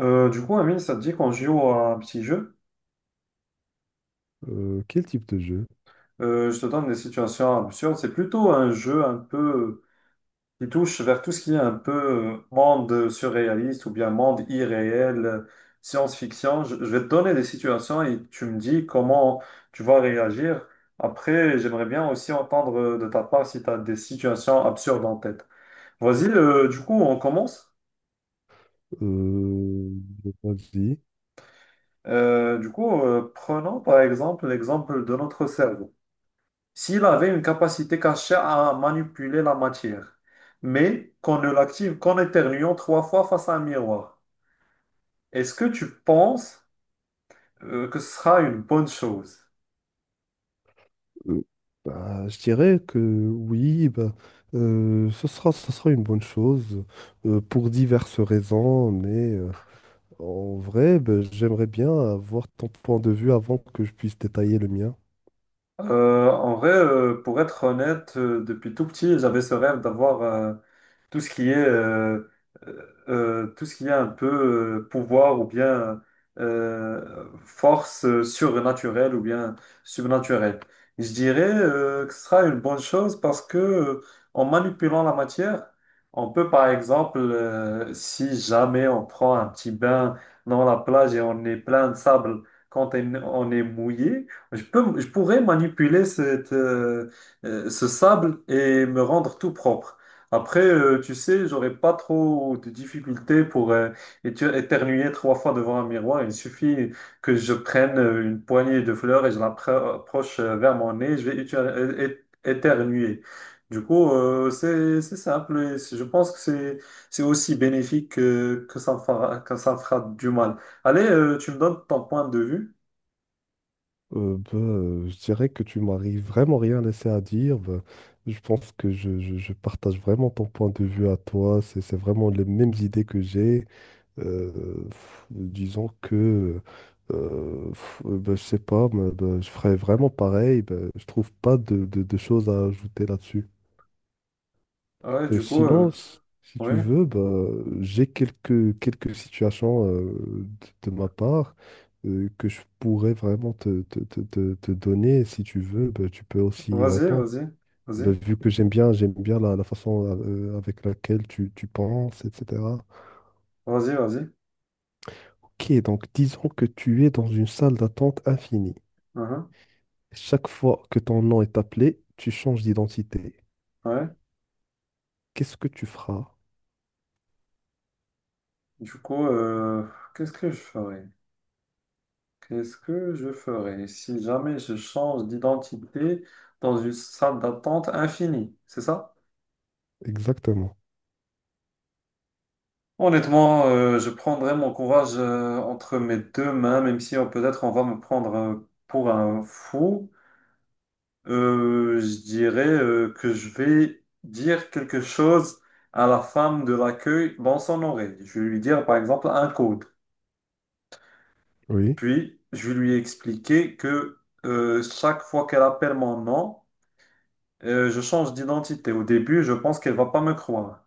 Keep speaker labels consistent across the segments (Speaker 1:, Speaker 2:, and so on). Speaker 1: Amine, ça te dit qu'on joue à un petit jeu?
Speaker 2: Quel type de jeu?
Speaker 1: Je te donne des situations absurdes. C'est plutôt un jeu un peu qui touche vers tout ce qui est un peu monde surréaliste ou bien monde irréel, science-fiction. Je vais te donner des situations et tu me dis comment tu vas réagir. Après, j'aimerais bien aussi entendre de ta part si tu as des situations absurdes en tête. Vas-y, on commence.
Speaker 2: Euh, j'ai pas dit.
Speaker 1: Prenons par exemple l'exemple de notre cerveau. S'il avait une capacité cachée à manipuler la matière, mais qu'on ne l'active qu'en éternuant trois fois face à un miroir. Est-ce que tu penses que ce sera une bonne chose?
Speaker 2: Euh, Bah, je dirais que oui, bah, ce sera une bonne chose pour diverses raisons, mais en vrai, bah, j'aimerais bien avoir ton point de vue avant que je puisse détailler le mien.
Speaker 1: Pour être honnête, depuis tout petit, j'avais ce rêve d'avoir tout ce qui est tout ce qui est un peu pouvoir ou bien force surnaturelle ou bien subnaturelle. Je dirais que ce sera une bonne chose parce que en manipulant la matière, on peut par exemple, si jamais on prend un petit bain dans la plage et on est plein de sable quand on est mouillé, je pourrais manipuler ce sable et me rendre tout propre. Après, tu sais, j'aurais pas trop de difficultés pour éternuer trois fois devant un miroir. Il suffit que je prenne une poignée de fleurs et je l'approche vers mon nez, je vais éternuer. Du coup, c'est simple et je pense que c'est aussi bénéfique que ça me fera, que ça me fera du mal. Allez, tu me donnes ton point de vue.
Speaker 2: Bah, je dirais que tu m'arrives vraiment rien laissé à dire. Bah, je pense que je partage vraiment ton point de vue à toi. C'est vraiment les mêmes idées que j'ai. Euh, Disons que, ben, je sais pas, mais, ben, je ferais vraiment pareil. Ben, je trouve pas de choses à ajouter là-dessus.
Speaker 1: Ouais,
Speaker 2: Sinon, si tu
Speaker 1: ouais,
Speaker 2: veux, ben, j'ai quelques situations de ma part que je pourrais vraiment te donner. Si tu veux, ben, tu peux aussi y
Speaker 1: vas-y,
Speaker 2: répondre.
Speaker 1: vas-y, vas-y,
Speaker 2: Ben, vu que j'aime bien la façon avec laquelle tu penses, etc.
Speaker 1: vas-y.
Speaker 2: Ok, donc disons que tu es dans une salle d'attente infinie.
Speaker 1: Mhm,
Speaker 2: Chaque fois que ton nom est appelé, tu changes d'identité.
Speaker 1: ouais.
Speaker 2: Qu'est-ce que tu feras
Speaker 1: Du coup, qu'est-ce que je ferais? Qu'est-ce que je ferais si jamais je change d'identité dans une salle d'attente infinie, c'est ça?
Speaker 2: exactement?
Speaker 1: Honnêtement, je prendrais mon courage entre mes deux mains, même si peut-être on va me prendre pour un fou. Je dirais que je vais dire quelque chose à la femme de l'accueil dans son oreille. Je vais lui dire par exemple un code.
Speaker 2: Oui.
Speaker 1: Puis, je lui ai expliqué que chaque fois qu'elle appelle mon nom, je change d'identité. Au début, je pense qu'elle va pas me croire.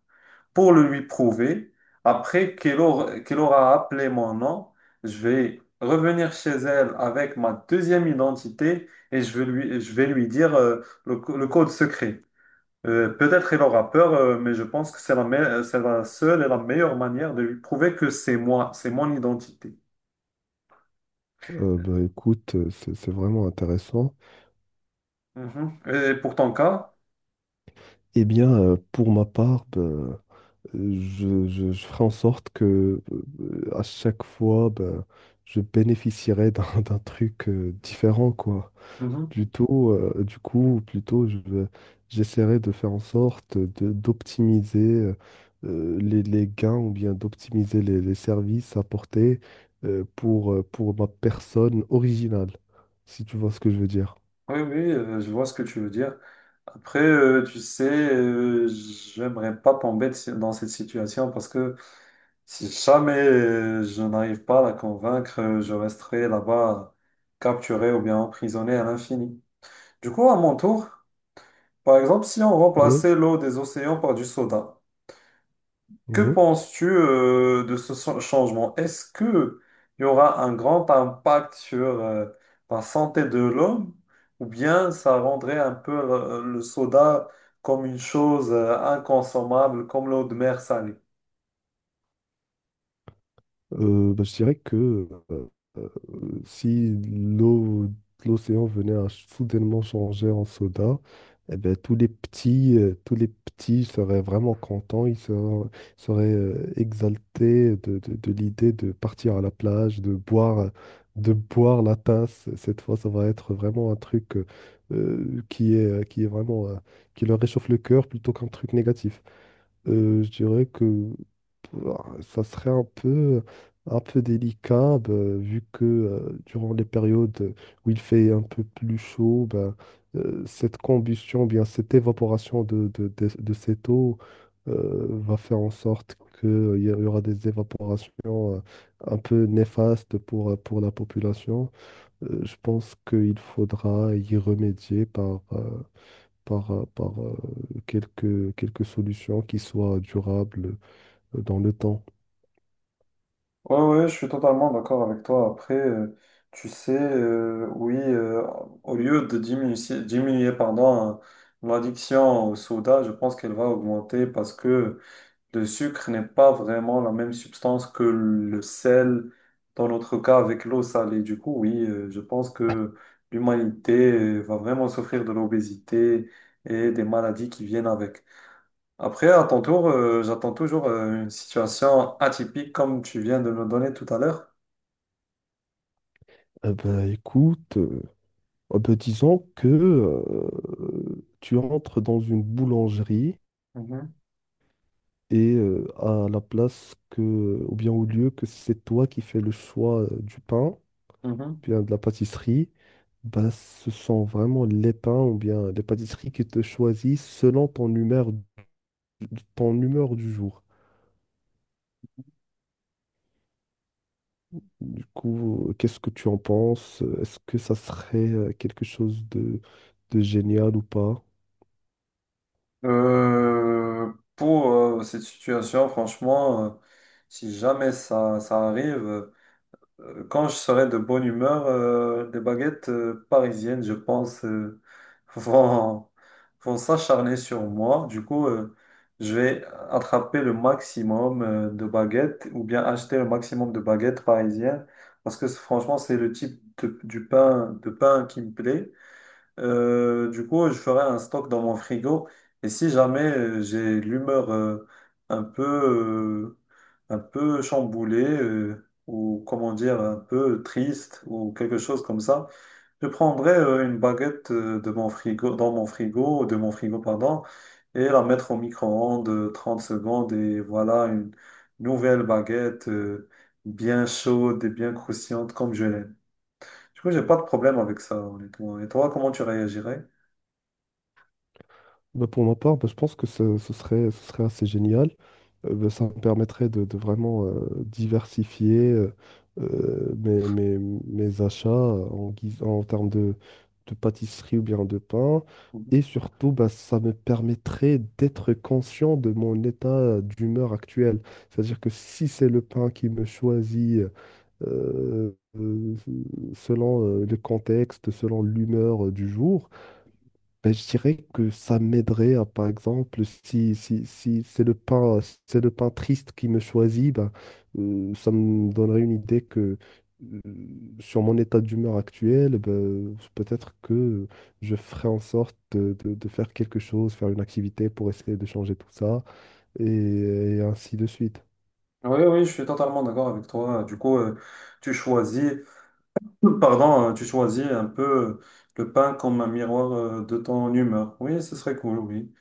Speaker 1: Pour le lui prouver, après qu'elle aura appelé mon nom, je vais revenir chez elle avec ma deuxième identité et je vais lui dire le code secret. Peut-être elle aura peur, mais je pense que c'est la seule et la meilleure manière de lui prouver que c'est moi, c'est mon identité.
Speaker 2: Bah, écoute, c'est vraiment intéressant.
Speaker 1: Mhm. Et pour ton cas?
Speaker 2: Eh bien, pour ma part, bah, je ferai en sorte que à chaque fois, bah, je bénéficierai d'un d'un truc différent, quoi. Plutôt, du coup, plutôt, j'essaierai de faire en sorte de d'optimiser les gains ou bien d'optimiser les services apportés pour ma personne originale, si tu vois ce que je veux dire.
Speaker 1: Oui, oui, je vois ce que tu veux dire. Après, tu sais, j'aimerais pas tomber de si- dans cette situation parce que si jamais je n'arrive pas à la convaincre, je resterai là-bas capturé ou bien emprisonné à l'infini. Du coup, à mon tour, par exemple, si on
Speaker 2: Ok.
Speaker 1: remplaçait l'eau des océans par du soda. Que
Speaker 2: Mhm.
Speaker 1: penses-tu de changement? Est-ce que il y aura un grand impact sur la santé de l'homme ou bien ça rendrait un peu soda comme une chose inconsommable, comme l'eau de mer salée?
Speaker 2: Bah, je dirais que euh, si l'eau, l'océan venait à soudainement changer en soda, eh ben, tous les petits seraient vraiment contents, ils seraient, exaltés de l'idée de partir à la plage, de boire la tasse. Cette fois, ça va être vraiment un truc qui est vraiment, qui leur réchauffe le cœur plutôt qu'un truc négatif. Je dirais que bah, ça serait un peu délicat bah, vu que durant les périodes où il fait un peu plus chaud, bah, cette combustion, bien cette évaporation de cette eau va faire en sorte qu'il y aura des évaporations un peu néfastes pour la population. Je pense qu'il faudra y remédier par quelques solutions qui soient durables dans le temps.
Speaker 1: Oui, ouais, ouais, je suis totalement d'accord avec toi. Après, tu sais, oui, au lieu de diminuer, pardon, hein, l'addiction au soda, je pense qu'elle va augmenter parce que le sucre n'est pas vraiment la même substance que le sel, dans notre cas avec l'eau salée. Du coup, oui, je pense que l'humanité va vraiment souffrir de l'obésité et des maladies qui viennent avec. Après, à ton tour, j'attends toujours une situation atypique comme tu viens de me donner tout à l'heure.
Speaker 2: Eh ben, écoute, oh ben, disons que tu entres dans une boulangerie
Speaker 1: Mhm,
Speaker 2: et à la place que, ou bien au lieu que c'est toi qui fais le choix du pain,
Speaker 1: mhm.
Speaker 2: bien de la pâtisserie, ben, ce sont vraiment les pains ou bien les pâtisseries qui te choisissent selon ton humeur, ton humeur du jour. Du coup, qu'est-ce que tu en penses? Est-ce que ça serait quelque chose de génial ou pas?
Speaker 1: Pour cette situation, franchement, si jamais ça arrive, quand je serai de bonne humeur, des baguettes parisiennes, je pense, vont, vont s'acharner sur moi. Je vais attraper le maximum de baguettes ou bien acheter le maximum de baguettes parisiennes parce que franchement, c'est du pain, de pain qui me plaît. Je ferai un stock dans mon frigo. Et si jamais j'ai l'humeur un peu, euh, un peu chamboulée ou comment dire, un peu triste ou quelque chose comme ça, je prendrai une baguette dans mon frigo, de mon frigo, pardon, et la mettre au micro-ondes 30 secondes. Et voilà une nouvelle baguette bien chaude et bien croustillante comme je l'aime. Du coup, j'ai pas de problème avec ça, honnêtement. Et toi, comment tu réagirais?
Speaker 2: Bah, pour ma part, bah, je pense que ce serait assez génial. Bah, ça me permettrait de vraiment diversifier mes achats en termes de pâtisserie ou bien de pain.
Speaker 1: Oui,
Speaker 2: Et surtout, bah, ça me permettrait d'être conscient de mon état d'humeur actuel. C'est-à-dire que si c'est le pain qui me choisit, euh, euh, selon le contexte, selon l'humeur du jour, ben, je dirais que ça m'aiderait à, par exemple, si c'est c'est le pain triste qui me choisit, ben, ça me donnerait une idée que euh, sur mon état d'humeur actuel, ben, peut-être que je ferai en sorte de faire quelque chose, faire une activité pour essayer de changer tout ça, et ainsi de suite.
Speaker 1: oui, je suis totalement d'accord avec toi. Tu choisis, pardon, tu choisis un peu euh, le pain comme un miroir de ton humeur. Oui, ce serait cool, oui.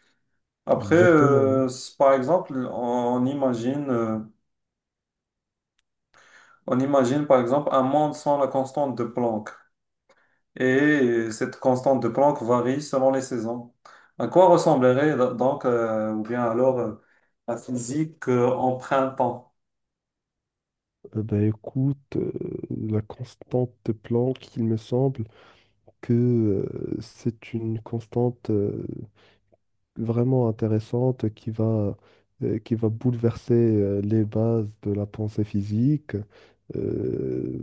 Speaker 1: Après,
Speaker 2: Exactement. Oui.
Speaker 1: par exemple, on imagine par exemple un monde sans la constante de Planck. Et cette constante de Planck varie selon les saisons. À quoi ressemblerait donc, ou bien alors, la physique en printemps?
Speaker 2: Ben écoute, la constante de Planck, il me semble que c'est une constante vraiment intéressante qui va bouleverser les bases de la pensée physique. Euh,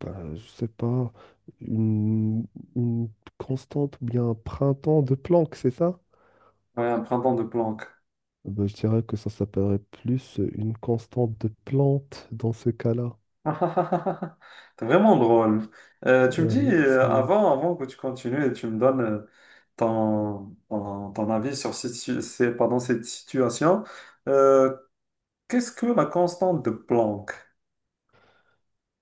Speaker 2: ben, je sais pas, une, une constante ou bien un printemps de Planck, c'est ça?
Speaker 1: Ouais, un printemps de Planck.
Speaker 2: Eh ben, je dirais que ça s'appellerait plus une constante de Planck dans ce cas-là.
Speaker 1: Ah, ah, ah, ah, ah. T'es vraiment drôle. Tu me dis,
Speaker 2: Merci.
Speaker 1: avant que tu continues et tu me donnes ton avis sur cette, si- c'est- pardon, cette situation, euh, qu'est-ce que la constante de Planck?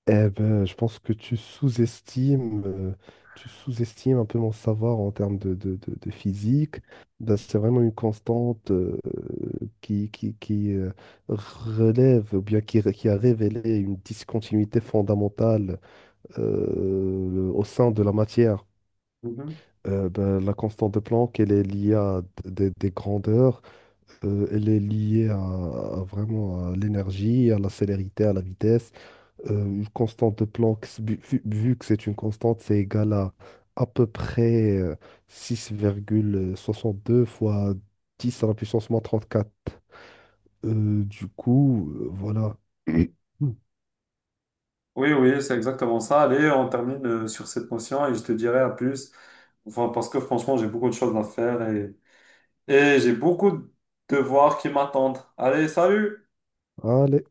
Speaker 2: Eh ben, je pense que tu sous-estimes un peu mon savoir en termes de physique. Ben, c'est vraiment une constante qui, relève, ou bien qui a révélé une discontinuité fondamentale au sein de la matière.
Speaker 1: Mhm.
Speaker 2: Ben, la constante de Planck, elle est liée à des grandeurs, elle est liée à vraiment à l'énergie, à la célérité, à la vitesse. Une constante de Planck, vu que c'est une constante, c'est égal à peu près deux fois 10 à la puissance moins 34. Du coup, voilà.
Speaker 1: Oui, oui, c'est exactement ça. Allez, on termine sur cette notion et je te dirai à plus. Enfin, parce que franchement, j'ai beaucoup de choses à faire et j'ai beaucoup de devoirs qui m'attendent. Allez, salut!
Speaker 2: Allez.